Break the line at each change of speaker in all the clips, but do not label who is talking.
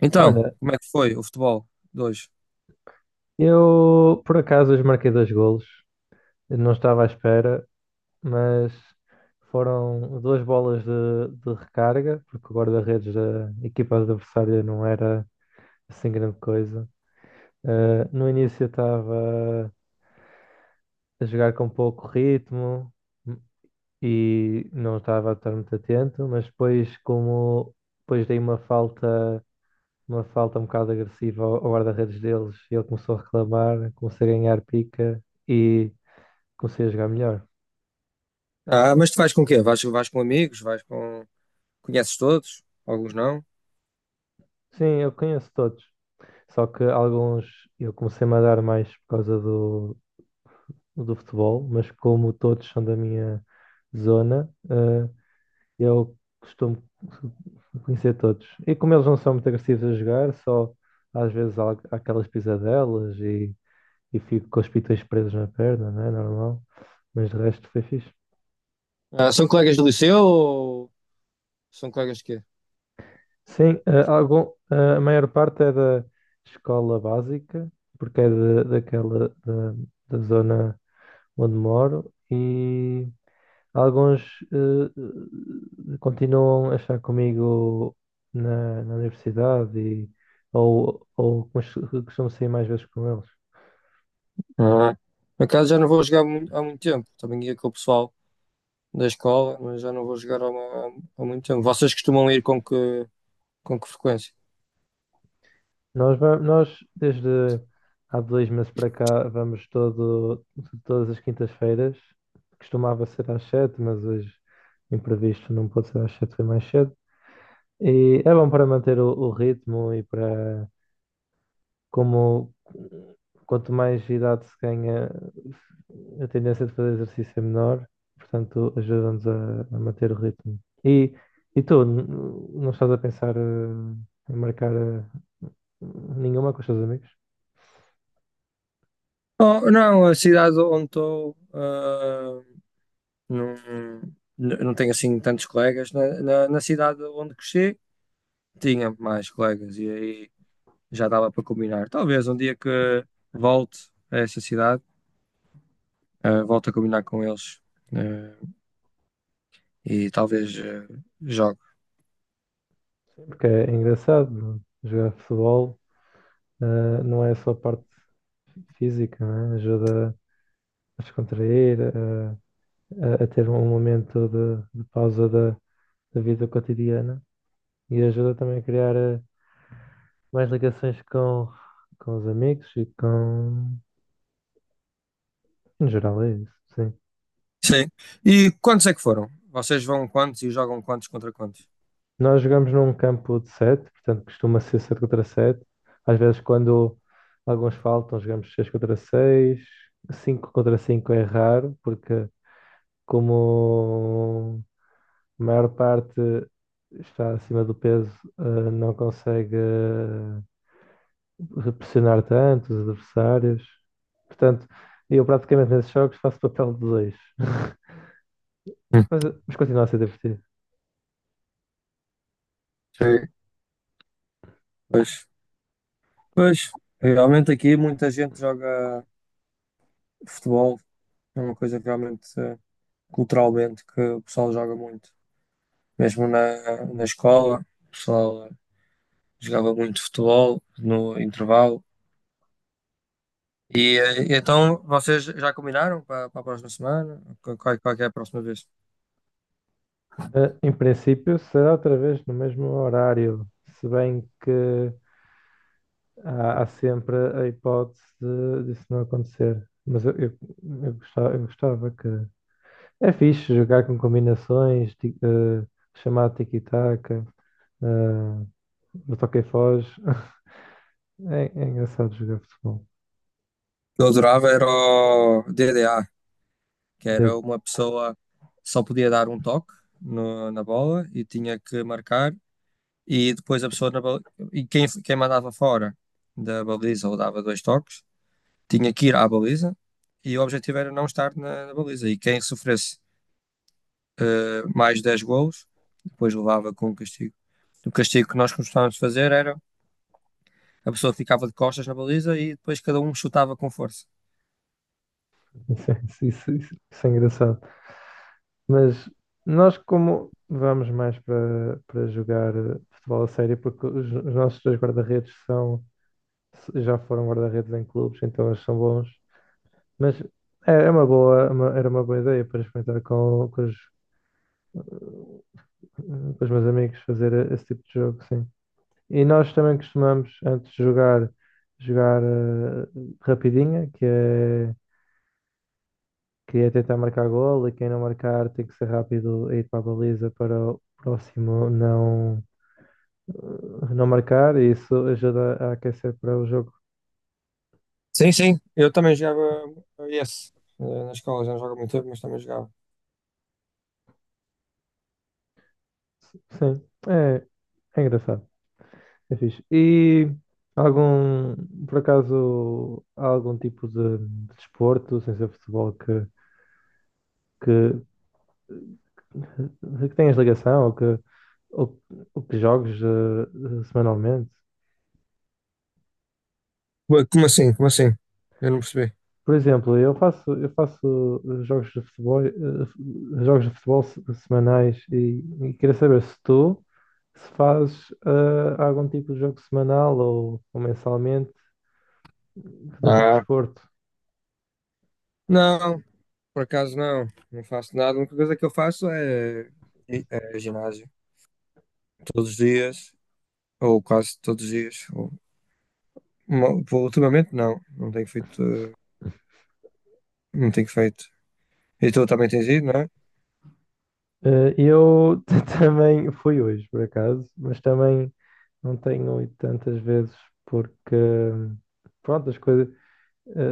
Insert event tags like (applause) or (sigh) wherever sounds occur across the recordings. Então,
Olha,
como é que foi o futebol de hoje?
eu por acaso hoje marquei dois golos. Eu não estava à espera, mas foram duas bolas de recarga, porque o guarda-redes da equipa adversária não era assim grande coisa. No início eu estava a jogar com pouco ritmo e não estava a estar muito atento, mas depois como depois dei uma falta um bocado agressiva ao guarda-redes deles, e ele começou a reclamar, comecei a ganhar pica e comecei a jogar melhor.
Ah, mas tu vais com quê? Vais com amigos? Vais com. Conheces todos? Alguns não?
Sim, eu conheço todos. Só que alguns eu comecei-me a dar mais por causa do futebol, mas como todos são da minha zona, eu costumo conhecer todos. E como eles não são muito agressivos a jogar, só às vezes há aquelas pisadelas e fico com os pitões presos na perna, não é normal? Mas de resto foi fixe.
Ah, são colegas do liceu ou são colegas de quê?
Sim, a maior parte é da escola básica, porque é daquela da zona onde moro, e alguns eh, continuam a estar comigo na universidade ou costumo sair mais vezes com eles.
Ah. Por acaso já não vou jogar há muito tempo. Também ia com o pessoal da escola, mas já não vou jogar há muito tempo. Vocês costumam ir com com que frequência?
Nós desde há 2 meses para cá, vamos todas as quintas-feiras. Costumava ser às 7, mas hoje, imprevisto, não pôde ser às 7, foi mais cedo. E é bom para manter o ritmo e como quanto mais idade se ganha, a tendência de fazer exercício é menor, portanto, ajuda-nos a manter o ritmo. E, e tu, não estás a pensar em marcar nenhuma com os teus amigos?
Oh, não, a cidade onde estou, ah, não, não tenho assim tantos colegas. Na cidade onde cresci, tinha mais colegas. E aí já dava para combinar. Talvez um dia que volte a essa cidade, volte a combinar com eles, eh, e talvez jogue.
Porque é engraçado, é, jogar futebol. Não é só a parte física, não é? Ajuda a descontrair, a ter um momento de pausa da vida cotidiana e ajuda também a criar mais ligações com os amigos e com. Em geral, é isso, sim.
Sim. E quantos é que foram? Vocês vão quantos e jogam quantos contra quantos?
Nós jogamos num campo de sete, portanto costuma ser sete contra sete. Às vezes, quando alguns faltam, jogamos seis contra seis. Cinco contra cinco é raro, porque como a maior parte está acima do peso, não consegue pressionar tanto os adversários. Portanto, eu praticamente nesses jogos faço papel de dois. (laughs)
Hum.
Mas continua a ser divertido.
Sim. Pois, pois, realmente aqui muita gente joga futebol, é uma coisa que realmente culturalmente que o pessoal joga muito. Mesmo na escola, o pessoal jogava muito futebol no intervalo. E, então vocês já combinaram para a próxima semana? Qual que é a próxima vez?
Em princípio, será outra vez no mesmo horário, se bem que há sempre a hipótese disso não acontecer. Mas eu gostava, eu gostava. Que. É fixe jogar com combinações, chamado tiki-taka. Ah, eu toquei foz. (laughs) É engraçado jogar futebol.
Eu adorava era o DDA, que era
Dead.
uma pessoa só podia dar um toque na bola e tinha que marcar e depois a pessoa na baliza, e quem mandava fora da baliza ou dava dois toques tinha que ir à baliza e o objetivo era não estar na baliza e quem sofresse mais 10 golos depois levava com o castigo. O castigo que nós costumávamos fazer era a pessoa ficava de costas na baliza e depois cada um chutava com força.
Isso é engraçado. Mas nós, como vamos mais para jogar futebol a sério, porque os nossos dois guarda-redes são, já foram guarda-redes em clubes, então eles são bons. Mas é, é uma boa, é uma- era uma boa ideia para experimentar com os meus amigos fazer esse tipo de jogo, sim. E nós também costumamos, antes de jogar, jogar rapidinha, Queria tentar marcar gol e quem não marcar tem que ser rápido a ir para a baliza para o próximo não marcar, e isso ajuda a aquecer para o jogo.
Sim, sim, eu também jogava esse na escola, já não jogo há muito tempo, mas também jogava.
Sim, é, é engraçado, é fixe. E algum, por acaso, há algum tipo de desporto, sem ser futebol, que, que tenhas ligação ou, ou que jogues semanalmente?
Ué, como assim? Como assim? Eu não percebi.
Por exemplo, eu faço jogos de futebol, jogos de futebol semanais e queria saber se tu se fazes algum tipo de jogo semanal ou mensalmente de outro
Ah,
desporto.
não, por acaso não, não faço nada. A única coisa que eu faço é é ginásio. Todos os dias, ou quase todos os dias. Ou, ultimamente não, não tenho feito, não tenho feito. E tu também tens ido, não é?
Eu (laughs) também fui hoje, por acaso, mas também não tenho ido tantas vezes porque, pronto, as coisas,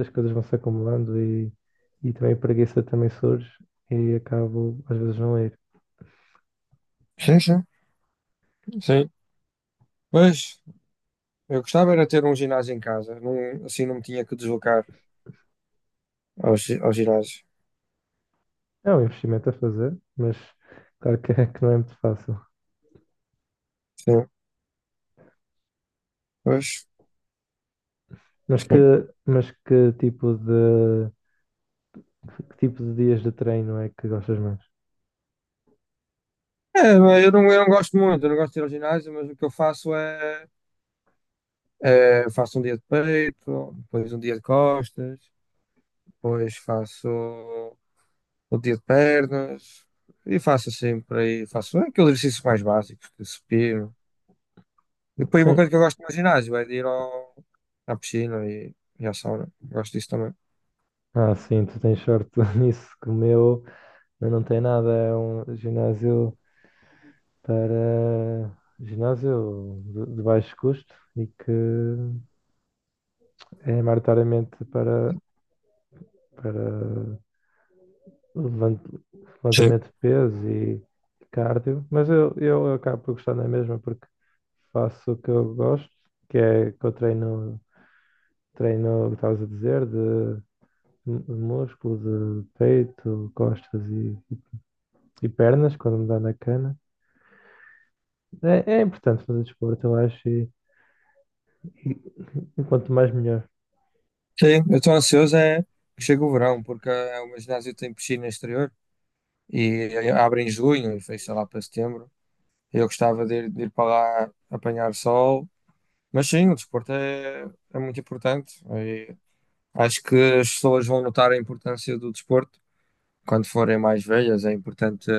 as coisas vão se acumulando e também a preguiça também surge e acabo às vezes não ir.
Sim, sim, sim. Mas eu gostava era ter um ginásio em casa, não, assim não me tinha que deslocar ao ginásio.
É um investimento a fazer, mas claro que, que não é muito fácil.
Sim, pois,
Mas que,
sim.
mas que tipo de, que tipo de dias de treino é que gostas mais?
É, mas eu não gosto muito, eu não gosto de ir ao ginásio, mas o que eu faço é. Eh, faço um dia de peito, depois um dia de costas, depois faço o dia de pernas e faço sempre aí, faço aqueles exercícios mais básicos, de supino. E depois uma
Sim.
coisa que eu gosto no ginásio é de ir ao, à piscina e à sauna. Gosto disso também.
Ah, sim, tu tens sorte (laughs) nisso, que o meu não tem nada, é um ginásio para ginásio de baixo custo e que é maioritariamente para levant-
Sim.
levantamento de peso e cardio, mas eu acabo por gostar na mesma porque faço o que eu gosto, que é que eu treino, o que estavas a dizer, de músculo, de peito, costas e pernas, quando me dá na cana. É importante fazer desporto, eu acho, e quanto mais melhor.
Sim, eu estou ansioso é que chegue o verão, porque o meu ginásio tem piscina exterior e abre em junho e fecha lá para setembro. Eu gostava de ir para lá apanhar sol. Mas sim, o desporto é, é muito importante. E acho que as pessoas vão notar a importância do desporto quando forem mais velhas. É importante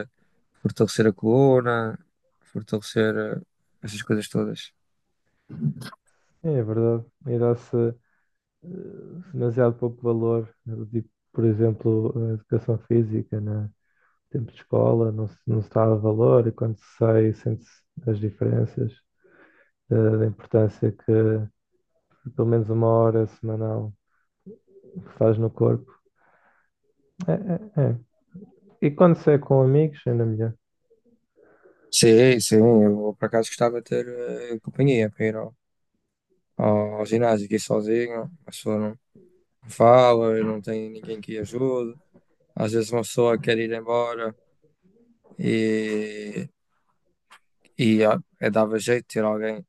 fortalecer a coluna, fortalecer essas coisas todas.
É verdade. E dá-se eh, demasiado pouco valor, né, do tipo, por exemplo, a educação física, né? Tempo de escola, não se dá valor e quando se sai sente-se as diferenças, da importância que pelo menos 1 hora semanal faz no corpo. É, é, é. E quando se é com amigos, ainda melhor.
Sim, sim, eu por acaso gostava de ter companhia para ir ao ginásio, que ir sozinho, a pessoa não fala, não tem ninguém que ajude. Às vezes uma pessoa quer ir embora e, e ah, dava jeito de ter alguém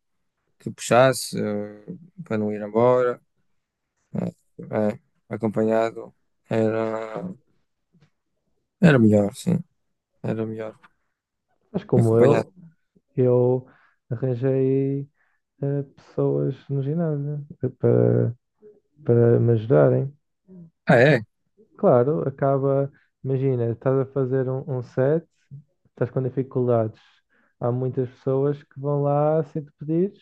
que puxasse para não ir embora, eh, eh, acompanhado era, era melhor, sim, era melhor
Mas como
acompanhado.
eu arranjei pessoas no ginásio para me ajudarem.
Ah, é?
Claro, acaba. Imagina, estás a fazer um set, estás com dificuldades. Há muitas pessoas que vão lá sem te pedires,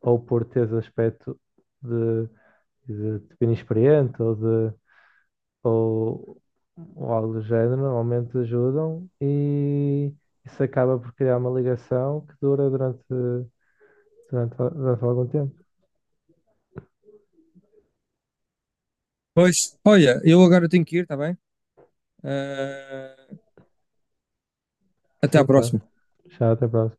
ou por teres aspecto de, de inexperiente ou, ou algo do género, normalmente ajudam e isso acaba por criar uma ligação que dura durante algum tempo.
Pois, olha, eu agora tenho que ir, está bem? Eh, até à
Sim, claro.
próxima.
Já até a próxima.